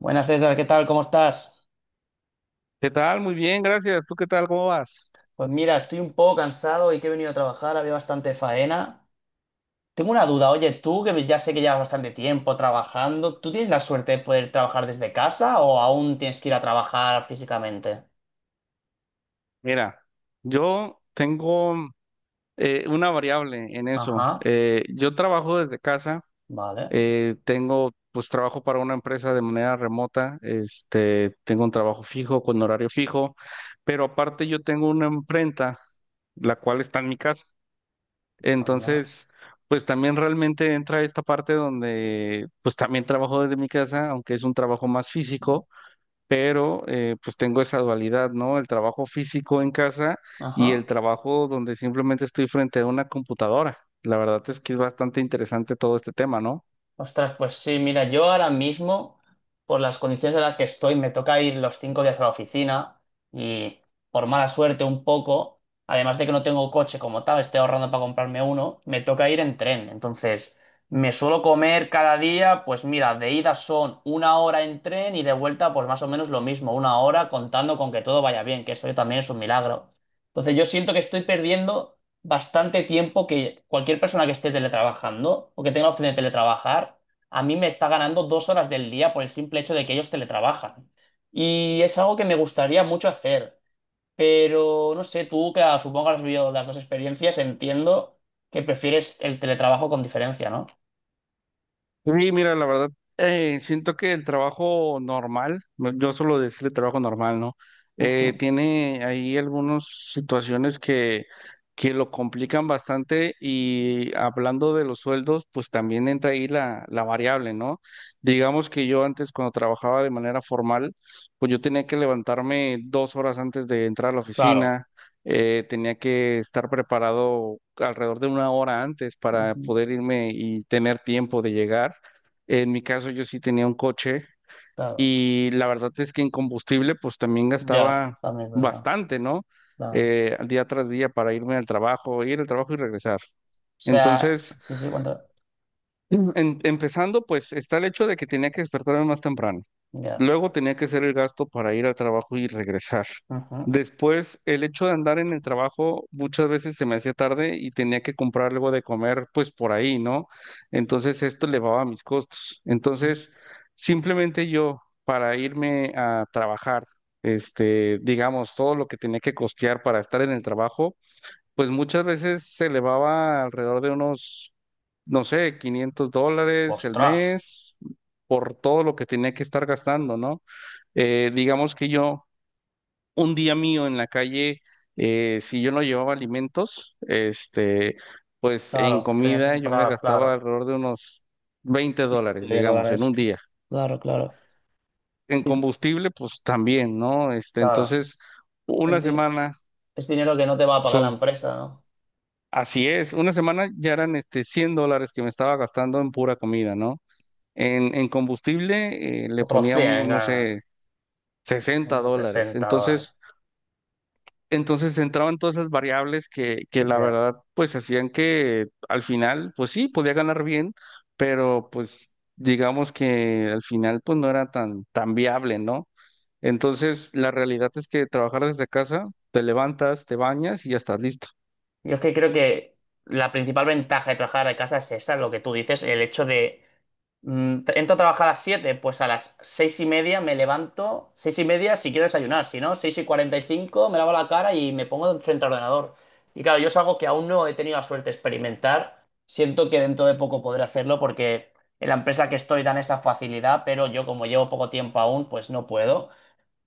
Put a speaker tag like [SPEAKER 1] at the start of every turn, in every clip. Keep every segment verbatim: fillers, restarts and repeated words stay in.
[SPEAKER 1] Buenas César, ¿qué tal? ¿Cómo estás?
[SPEAKER 2] ¿Qué tal? Muy bien, gracias. ¿Tú qué tal? ¿Cómo vas?
[SPEAKER 1] Pues mira, estoy un poco cansado y que he venido a trabajar, había bastante faena. Tengo una duda, oye, tú que ya sé que llevas bastante tiempo trabajando, ¿tú tienes la suerte de poder trabajar desde casa o aún tienes que ir a trabajar físicamente?
[SPEAKER 2] Mira, yo tengo eh, una variable en eso.
[SPEAKER 1] Ajá,
[SPEAKER 2] Eh, yo trabajo desde casa.
[SPEAKER 1] vale,
[SPEAKER 2] Eh, tengo, pues trabajo para una empresa de manera remota. Este, tengo un trabajo fijo, con horario fijo, pero aparte yo tengo una imprenta, la cual está en mi casa.
[SPEAKER 1] anda,
[SPEAKER 2] Entonces, pues también realmente entra esta parte donde, pues también trabajo desde mi casa, aunque es un trabajo más físico, pero eh, pues tengo esa dualidad, ¿no? El trabajo físico en casa y el
[SPEAKER 1] ajá.
[SPEAKER 2] trabajo donde simplemente estoy frente a una computadora. La verdad es que es bastante interesante todo este tema, ¿no?
[SPEAKER 1] Ostras, pues sí, mira, yo ahora mismo, por las condiciones en las que estoy, me toca ir los cinco días a la oficina. Y por mala suerte un poco, además de que no tengo coche como tal, estoy ahorrando para comprarme uno, me toca ir en tren. Entonces, me suelo comer cada día, pues mira, de ida son una hora en tren y de vuelta, pues más o menos lo mismo, una hora contando con que todo vaya bien, que eso también es un milagro. Entonces, yo siento que estoy perdiendo bastante tiempo, que cualquier persona que esté teletrabajando o que tenga la opción de teletrabajar, a mí me está ganando dos horas del día por el simple hecho de que ellos teletrabajan. Y es algo que me gustaría mucho hacer, pero no sé, tú que ah, supongo que has vivido las dos experiencias, entiendo que prefieres el teletrabajo con diferencia, ¿no?
[SPEAKER 2] Sí, mira, la verdad, eh, siento que el trabajo normal, no- yo suelo decirle trabajo normal, ¿no? Eh,
[SPEAKER 1] Ujú.
[SPEAKER 2] tiene ahí algunas situaciones que, que lo complican bastante, y hablando de los sueldos, pues también entra ahí la, la variable, ¿no? Digamos que yo antes, cuando trabajaba de manera formal, pues yo tenía que levantarme dos horas antes de entrar a la
[SPEAKER 1] Claro.
[SPEAKER 2] oficina. Eh, tenía que estar preparado alrededor de una hora antes para
[SPEAKER 1] Ujú.
[SPEAKER 2] poder irme y tener tiempo de llegar. En mi caso, yo sí tenía un coche
[SPEAKER 1] Claro,
[SPEAKER 2] y la verdad es que en combustible pues también
[SPEAKER 1] ya,
[SPEAKER 2] gastaba
[SPEAKER 1] también es verdad.
[SPEAKER 2] bastante, ¿no?
[SPEAKER 1] Claro. O
[SPEAKER 2] Eh, día tras día para irme al trabajo, ir al trabajo y regresar.
[SPEAKER 1] sea,
[SPEAKER 2] Entonces,
[SPEAKER 1] sí, sí, cuánto,
[SPEAKER 2] Mm, En- empezando, pues está el hecho de que tenía que despertarme más temprano.
[SPEAKER 1] ya.
[SPEAKER 2] Luego tenía que hacer el gasto para ir al trabajo y regresar.
[SPEAKER 1] Ujú.
[SPEAKER 2] Después, el hecho de andar en el trabajo, muchas veces se me hacía tarde y tenía que comprar algo de comer, pues por ahí, ¿no? Entonces esto elevaba mis costos. Entonces, simplemente yo para irme a trabajar, este, digamos, todo lo que tenía que costear para estar en el trabajo pues muchas veces se elevaba alrededor de unos, no sé, quinientos dólares el
[SPEAKER 1] Ostras,
[SPEAKER 2] mes por todo lo que tenía que estar gastando, ¿no? Eh, digamos que yo, un día mío en la calle, eh, si yo no llevaba alimentos, este, pues en
[SPEAKER 1] claro, tenías que
[SPEAKER 2] comida yo me
[SPEAKER 1] comprar,
[SPEAKER 2] gastaba
[SPEAKER 1] claro.
[SPEAKER 2] alrededor de unos veinte dólares,
[SPEAKER 1] De
[SPEAKER 2] digamos, en
[SPEAKER 1] dólares.
[SPEAKER 2] un día.
[SPEAKER 1] Claro, claro.
[SPEAKER 2] En
[SPEAKER 1] Sí, sí,
[SPEAKER 2] combustible, pues también, ¿no? Este,
[SPEAKER 1] claro.
[SPEAKER 2] entonces, una
[SPEAKER 1] Es, di-
[SPEAKER 2] semana
[SPEAKER 1] es dinero que no te va a pagar la
[SPEAKER 2] son
[SPEAKER 1] empresa, ¿no?
[SPEAKER 2] Así es, una semana ya eran este cien dólares que me estaba gastando en pura comida, ¿no? En, en combustible eh, le
[SPEAKER 1] Otros
[SPEAKER 2] poníamos,
[SPEAKER 1] cien,
[SPEAKER 2] no
[SPEAKER 1] ah,
[SPEAKER 2] sé, 60
[SPEAKER 1] unos
[SPEAKER 2] dólares.
[SPEAKER 1] sesenta dólares.
[SPEAKER 2] Entonces, entonces entraban todas esas variables que, que la verdad pues hacían que al final, pues sí, podía ganar bien, pero pues digamos que al final, pues no era tan, tan viable, ¿no? Entonces, la realidad es que trabajar desde casa, te levantas, te bañas y ya estás listo,
[SPEAKER 1] Yo es que creo que la principal ventaja de trabajar de casa es esa, lo que tú dices, el hecho de mm, tra- entro a trabajar a las siete, pues a las seis y media me levanto, seis y media si quiero desayunar, si no, seis y cuarenta y cinco me lavo la cara y me pongo frente al ordenador. Y claro, yo es algo que aún no he tenido la suerte de experimentar. Siento que dentro de poco podré hacerlo porque en la empresa que estoy dan esa facilidad, pero yo como llevo poco tiempo aún, pues no puedo.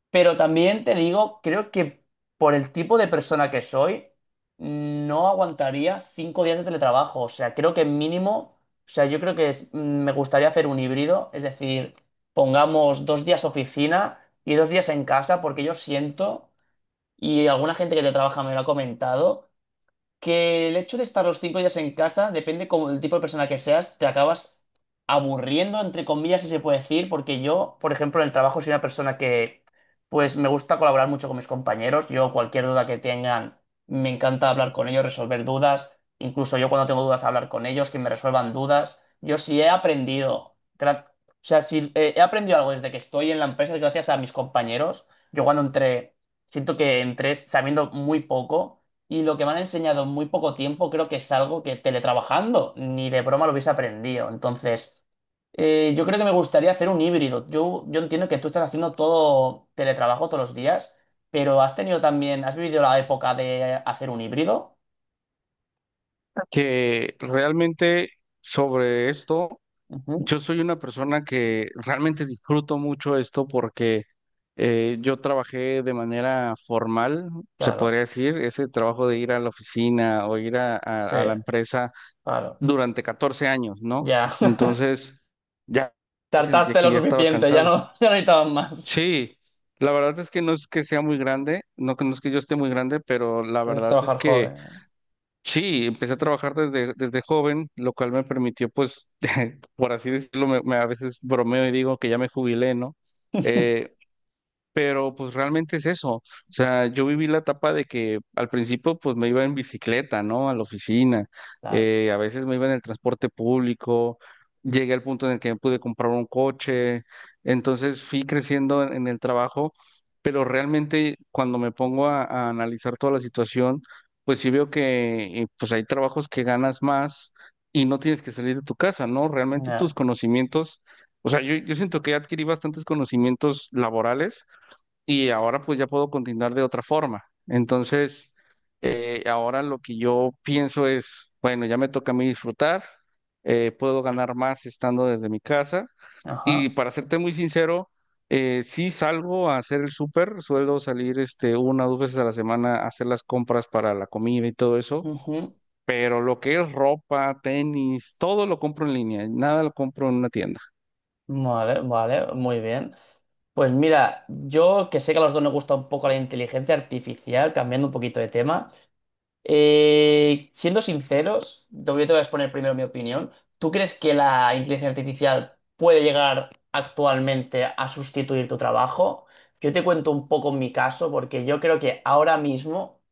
[SPEAKER 1] Pero también te digo, creo que por el tipo de persona que soy, no aguantaría cinco días de teletrabajo. O sea, creo que mínimo, o sea, yo creo que es- mm, me gustaría hacer un híbrido, es decir, pongamos dos días oficina y dos días en casa, porque yo siento, y alguna gente que te trabaja me lo ha comentado, que el hecho de estar los cinco días en casa, depende como el tipo de persona que seas, te acabas aburriendo, entre comillas, si se puede decir, porque yo, por ejemplo, en el trabajo soy una persona que, pues, me gusta colaborar mucho con mis compañeros. Yo, cualquier duda que tengan, me encanta hablar con ellos, resolver dudas. Incluso yo cuando tengo dudas, hablar con ellos, que me resuelvan dudas. Yo sí he aprendido, gra- o sea, si eh, he aprendido algo desde que estoy en la empresa, es gracias a mis compañeros. Yo cuando entré, siento que entré sabiendo muy poco. Y lo que me han enseñado en muy poco tiempo creo que es algo que teletrabajando ni de broma lo hubiese aprendido. Entonces, eh, yo creo que me gustaría hacer un híbrido. Yo, yo entiendo que tú estás haciendo todo teletrabajo todos los días, pero has tenido también, has vivido la época de hacer un híbrido.
[SPEAKER 2] que realmente sobre esto,
[SPEAKER 1] Ujú.
[SPEAKER 2] yo soy una persona que realmente disfruto mucho esto porque eh, yo trabajé de manera formal, se
[SPEAKER 1] Claro,
[SPEAKER 2] podría decir, ese trabajo de ir a la oficina o ir a,
[SPEAKER 1] sí,
[SPEAKER 2] a- a la empresa
[SPEAKER 1] claro,
[SPEAKER 2] durante catorce años, ¿no?
[SPEAKER 1] ya.
[SPEAKER 2] Entonces, ya sentía
[SPEAKER 1] Tartaste
[SPEAKER 2] que
[SPEAKER 1] lo
[SPEAKER 2] ya estaba
[SPEAKER 1] suficiente, ya
[SPEAKER 2] cansado.
[SPEAKER 1] no, ya no necesitabas más.
[SPEAKER 2] Sí, la verdad es que no es que sea muy grande, no, que- no es que yo esté muy grande, pero la
[SPEAKER 1] Es
[SPEAKER 2] verdad es
[SPEAKER 1] trabajar
[SPEAKER 2] que...
[SPEAKER 1] joven.
[SPEAKER 2] Sí, empecé a trabajar desde, desde joven, lo cual me permitió, pues, por así decirlo, me, me a veces bromeo y digo que ya me jubilé, ¿no? Eh, pero pues realmente es eso. O sea, yo viví la etapa de que al principio pues me iba en bicicleta, ¿no? A la oficina.
[SPEAKER 1] Claro.
[SPEAKER 2] Eh, a veces me iba en el transporte público. Llegué al punto en el que me pude comprar un coche. Entonces fui creciendo en, en el trabajo. Pero realmente cuando me pongo a, a analizar toda la situación, pues sí veo que eh, pues hay trabajos que ganas más y no tienes que salir de tu casa, ¿no? Realmente
[SPEAKER 1] Ya.
[SPEAKER 2] tus conocimientos... O sea, yo, yo siento que adquirí bastantes conocimientos laborales y ahora pues ya puedo continuar de otra forma. Entonces, eh, ahora lo que yo pienso es, bueno, ya me toca a mí disfrutar. Eh, puedo ganar más estando desde mi casa y,
[SPEAKER 1] Ajá.
[SPEAKER 2] para serte muy sincero, eh, sí salgo a hacer el súper, suelo salir este, una o dos veces a la semana a hacer las compras para la comida y todo eso,
[SPEAKER 1] Ujú.
[SPEAKER 2] pero lo que es ropa, tenis, todo lo compro en línea, nada lo compro en una tienda.
[SPEAKER 1] Vale, vale, muy bien. Pues mira, yo que sé que a los dos nos gusta un poco la inteligencia artificial, cambiando un poquito de tema, eh, siendo sinceros, te voy yo te voy a exponer primero mi opinión. ¿Tú crees que la inteligencia artificial puede llegar actualmente a sustituir tu trabajo? Yo te cuento un poco mi caso, porque yo creo que ahora mismo,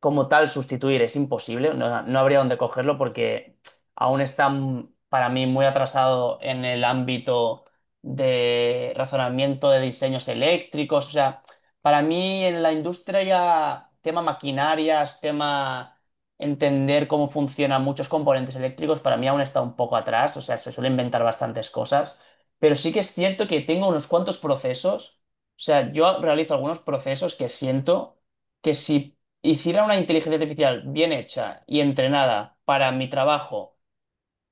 [SPEAKER 1] como tal, sustituir es imposible, no, no habría dónde cogerlo porque aún está m- para mí muy atrasado en el ámbito de razonamiento de diseños eléctricos, o sea, para mí en la industria tema maquinarias, tema entender cómo funcionan muchos componentes eléctricos, para mí aún está un poco atrás, o sea, se suele inventar bastantes cosas, pero sí que es cierto que tengo unos cuantos procesos, o sea, yo realizo algunos procesos que siento que si hiciera una inteligencia artificial bien hecha y entrenada para mi trabajo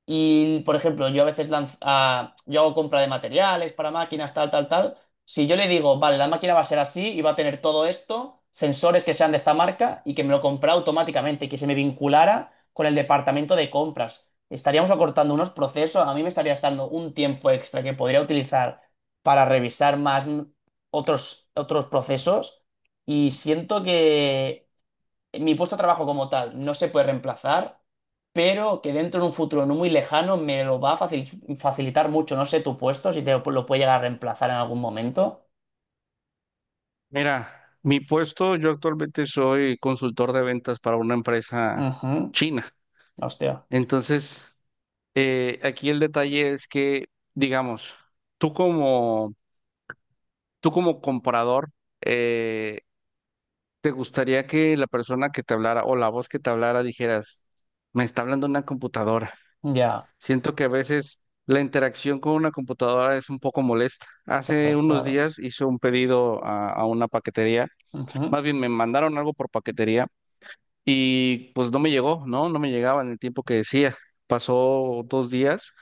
[SPEAKER 1] y, por ejemplo, yo a veces lanz- ah, yo hago compra de materiales para máquinas, tal, tal, tal, si yo le digo, vale, la máquina va a ser así y va a tener todo esto, sensores que sean de esta marca y que me lo compra automáticamente, que se me vinculara con el departamento de compras. Estaríamos acortando unos procesos, a mí me estaría dando un tiempo extra que podría utilizar para revisar más mm, otros, otros procesos y siento que mi puesto de trabajo como tal no se puede reemplazar, pero que dentro de un futuro no muy lejano me lo va a facil- facilitar mucho. No sé tu puesto, si te lo, lo puede llegar a reemplazar en algún momento.
[SPEAKER 2] Mira, mi puesto, yo actualmente soy consultor de ventas para una empresa
[SPEAKER 1] Ujú.
[SPEAKER 2] china.
[SPEAKER 1] Hostia.
[SPEAKER 2] Entonces, eh, aquí el detalle es que, digamos, tú como, tú como comprador, eh, te gustaría que la persona que te hablara o la voz que te hablara dijeras, me está hablando una computadora.
[SPEAKER 1] Ya,
[SPEAKER 2] Siento que a veces la interacción con una computadora es un poco molesta. Hace
[SPEAKER 1] claro,
[SPEAKER 2] unos
[SPEAKER 1] claro.
[SPEAKER 2] días hice un pedido a a una paquetería,
[SPEAKER 1] Ujú.
[SPEAKER 2] más bien me mandaron algo por paquetería. Y pues no me llegó, ¿no? No me llegaba en el tiempo que decía. Pasó dos días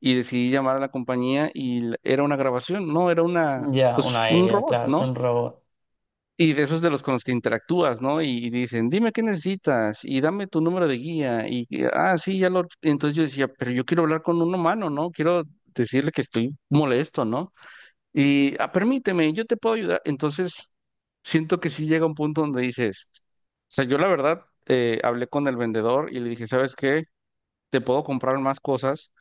[SPEAKER 2] y decidí llamar a la compañía y l- era una grabación, ¿no? Era una,
[SPEAKER 1] Ya,
[SPEAKER 2] pues
[SPEAKER 1] una
[SPEAKER 2] un
[SPEAKER 1] I A,
[SPEAKER 2] robot,
[SPEAKER 1] claro, es
[SPEAKER 2] ¿no?
[SPEAKER 1] un robot.
[SPEAKER 2] Y de esos de los con los que interactúas, ¿no? Y dicen, dime qué necesitas y dame tu número de guía. Y, que, ah, sí, ya lo... Entonces yo decía, pero yo quiero hablar con un humano, ¿no? Quiero decirle que estoy molesto, ¿no? Y "Ah, permíteme, yo te puedo ayudar". Entonces, siento que sí llega un punto donde dices, o sea, yo la verdad eh, hablé con el vendedor y le dije, ¿sabes qué? Te puedo comprar más cosas,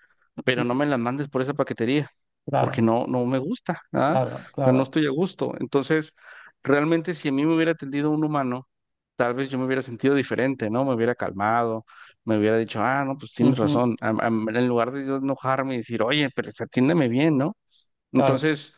[SPEAKER 2] pero no
[SPEAKER 1] Ujú.
[SPEAKER 2] me las mandes por esa paquetería, porque
[SPEAKER 1] Claro,
[SPEAKER 2] no, no me gusta, ¿ah? O
[SPEAKER 1] claro,
[SPEAKER 2] sea, no
[SPEAKER 1] claro.
[SPEAKER 2] estoy a gusto. Entonces, realmente si a mí me hubiera atendido un humano, tal vez yo me hubiera sentido diferente, ¿no? Me hubiera calmado, me hubiera dicho, ah, no, pues tienes
[SPEAKER 1] Ujú.
[SPEAKER 2] razón. Am- am- en lugar de yo enojarme y decir, oye, pero pues atiéndeme bien, ¿no?
[SPEAKER 1] Claro,
[SPEAKER 2] Entonces...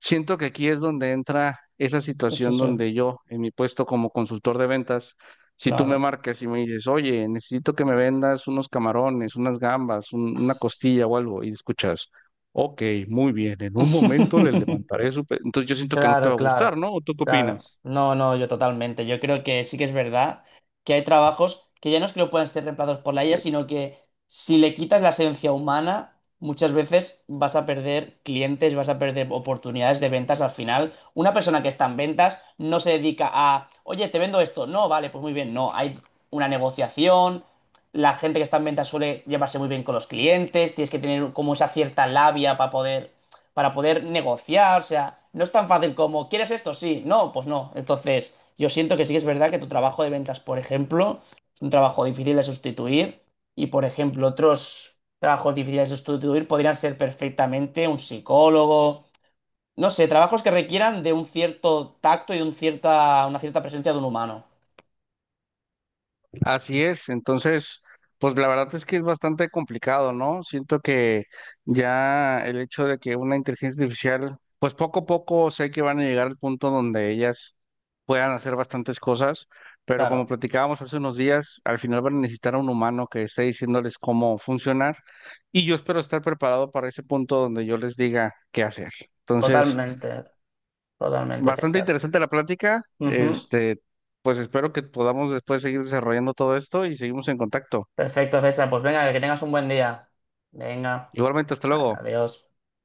[SPEAKER 2] Siento que aquí es donde entra esa
[SPEAKER 1] eso
[SPEAKER 2] situación
[SPEAKER 1] es,
[SPEAKER 2] donde yo, en mi puesto como consultor de ventas, si tú me
[SPEAKER 1] claro.
[SPEAKER 2] marcas y me dices, oye, necesito que me vendas unos camarones, unas gambas, un- una costilla o algo, y escuchas, ok, muy bien, en un momento le levantaré su... pe-. Entonces yo siento que no te
[SPEAKER 1] Claro,
[SPEAKER 2] va a gustar,
[SPEAKER 1] claro,
[SPEAKER 2] ¿no? ¿O tú qué
[SPEAKER 1] claro.
[SPEAKER 2] opinas?
[SPEAKER 1] No, no, yo totalmente. Yo creo que sí que es verdad que hay trabajos que ya no es que no puedan ser reemplazados por la I A, sino que si le quitas la esencia humana, muchas veces vas a perder clientes, vas a perder oportunidades de ventas al final. Una persona que está en ventas no se dedica a, oye, te vendo esto. No, vale, pues muy bien. No, hay una negociación. La gente que está en ventas suele llevarse muy bien con los clientes. Tienes que tener como esa cierta labia para poder para poder negociar, o sea, no es tan fácil como, ¿quieres esto? Sí, no, pues no. Entonces, yo siento que sí que es verdad que tu trabajo de ventas, por ejemplo, es un trabajo difícil de sustituir y, por ejemplo, otros trabajos difíciles de sustituir podrían ser perfectamente un psicólogo, no sé, trabajos que requieran de un cierto tacto y un cierta, una cierta presencia de un humano.
[SPEAKER 2] Así es, entonces, pues la verdad es que es bastante complicado, ¿no? Siento que ya el hecho de que una inteligencia artificial, pues poco a poco sé que van a llegar al punto donde ellas puedan hacer bastantes cosas, pero como
[SPEAKER 1] Claro,
[SPEAKER 2] platicábamos hace unos días, al final van a necesitar a un humano que esté diciéndoles cómo funcionar, y yo espero estar preparado para ese punto donde yo les diga qué hacer. Entonces,
[SPEAKER 1] totalmente, totalmente,
[SPEAKER 2] bastante
[SPEAKER 1] César.
[SPEAKER 2] interesante la plática.
[SPEAKER 1] Ujú.
[SPEAKER 2] Este, pues espero que podamos después seguir desarrollando todo esto y seguimos en contacto.
[SPEAKER 1] Perfecto, César. Pues venga, que tengas un buen día. Venga,
[SPEAKER 2] Igualmente, hasta luego.
[SPEAKER 1] adiós.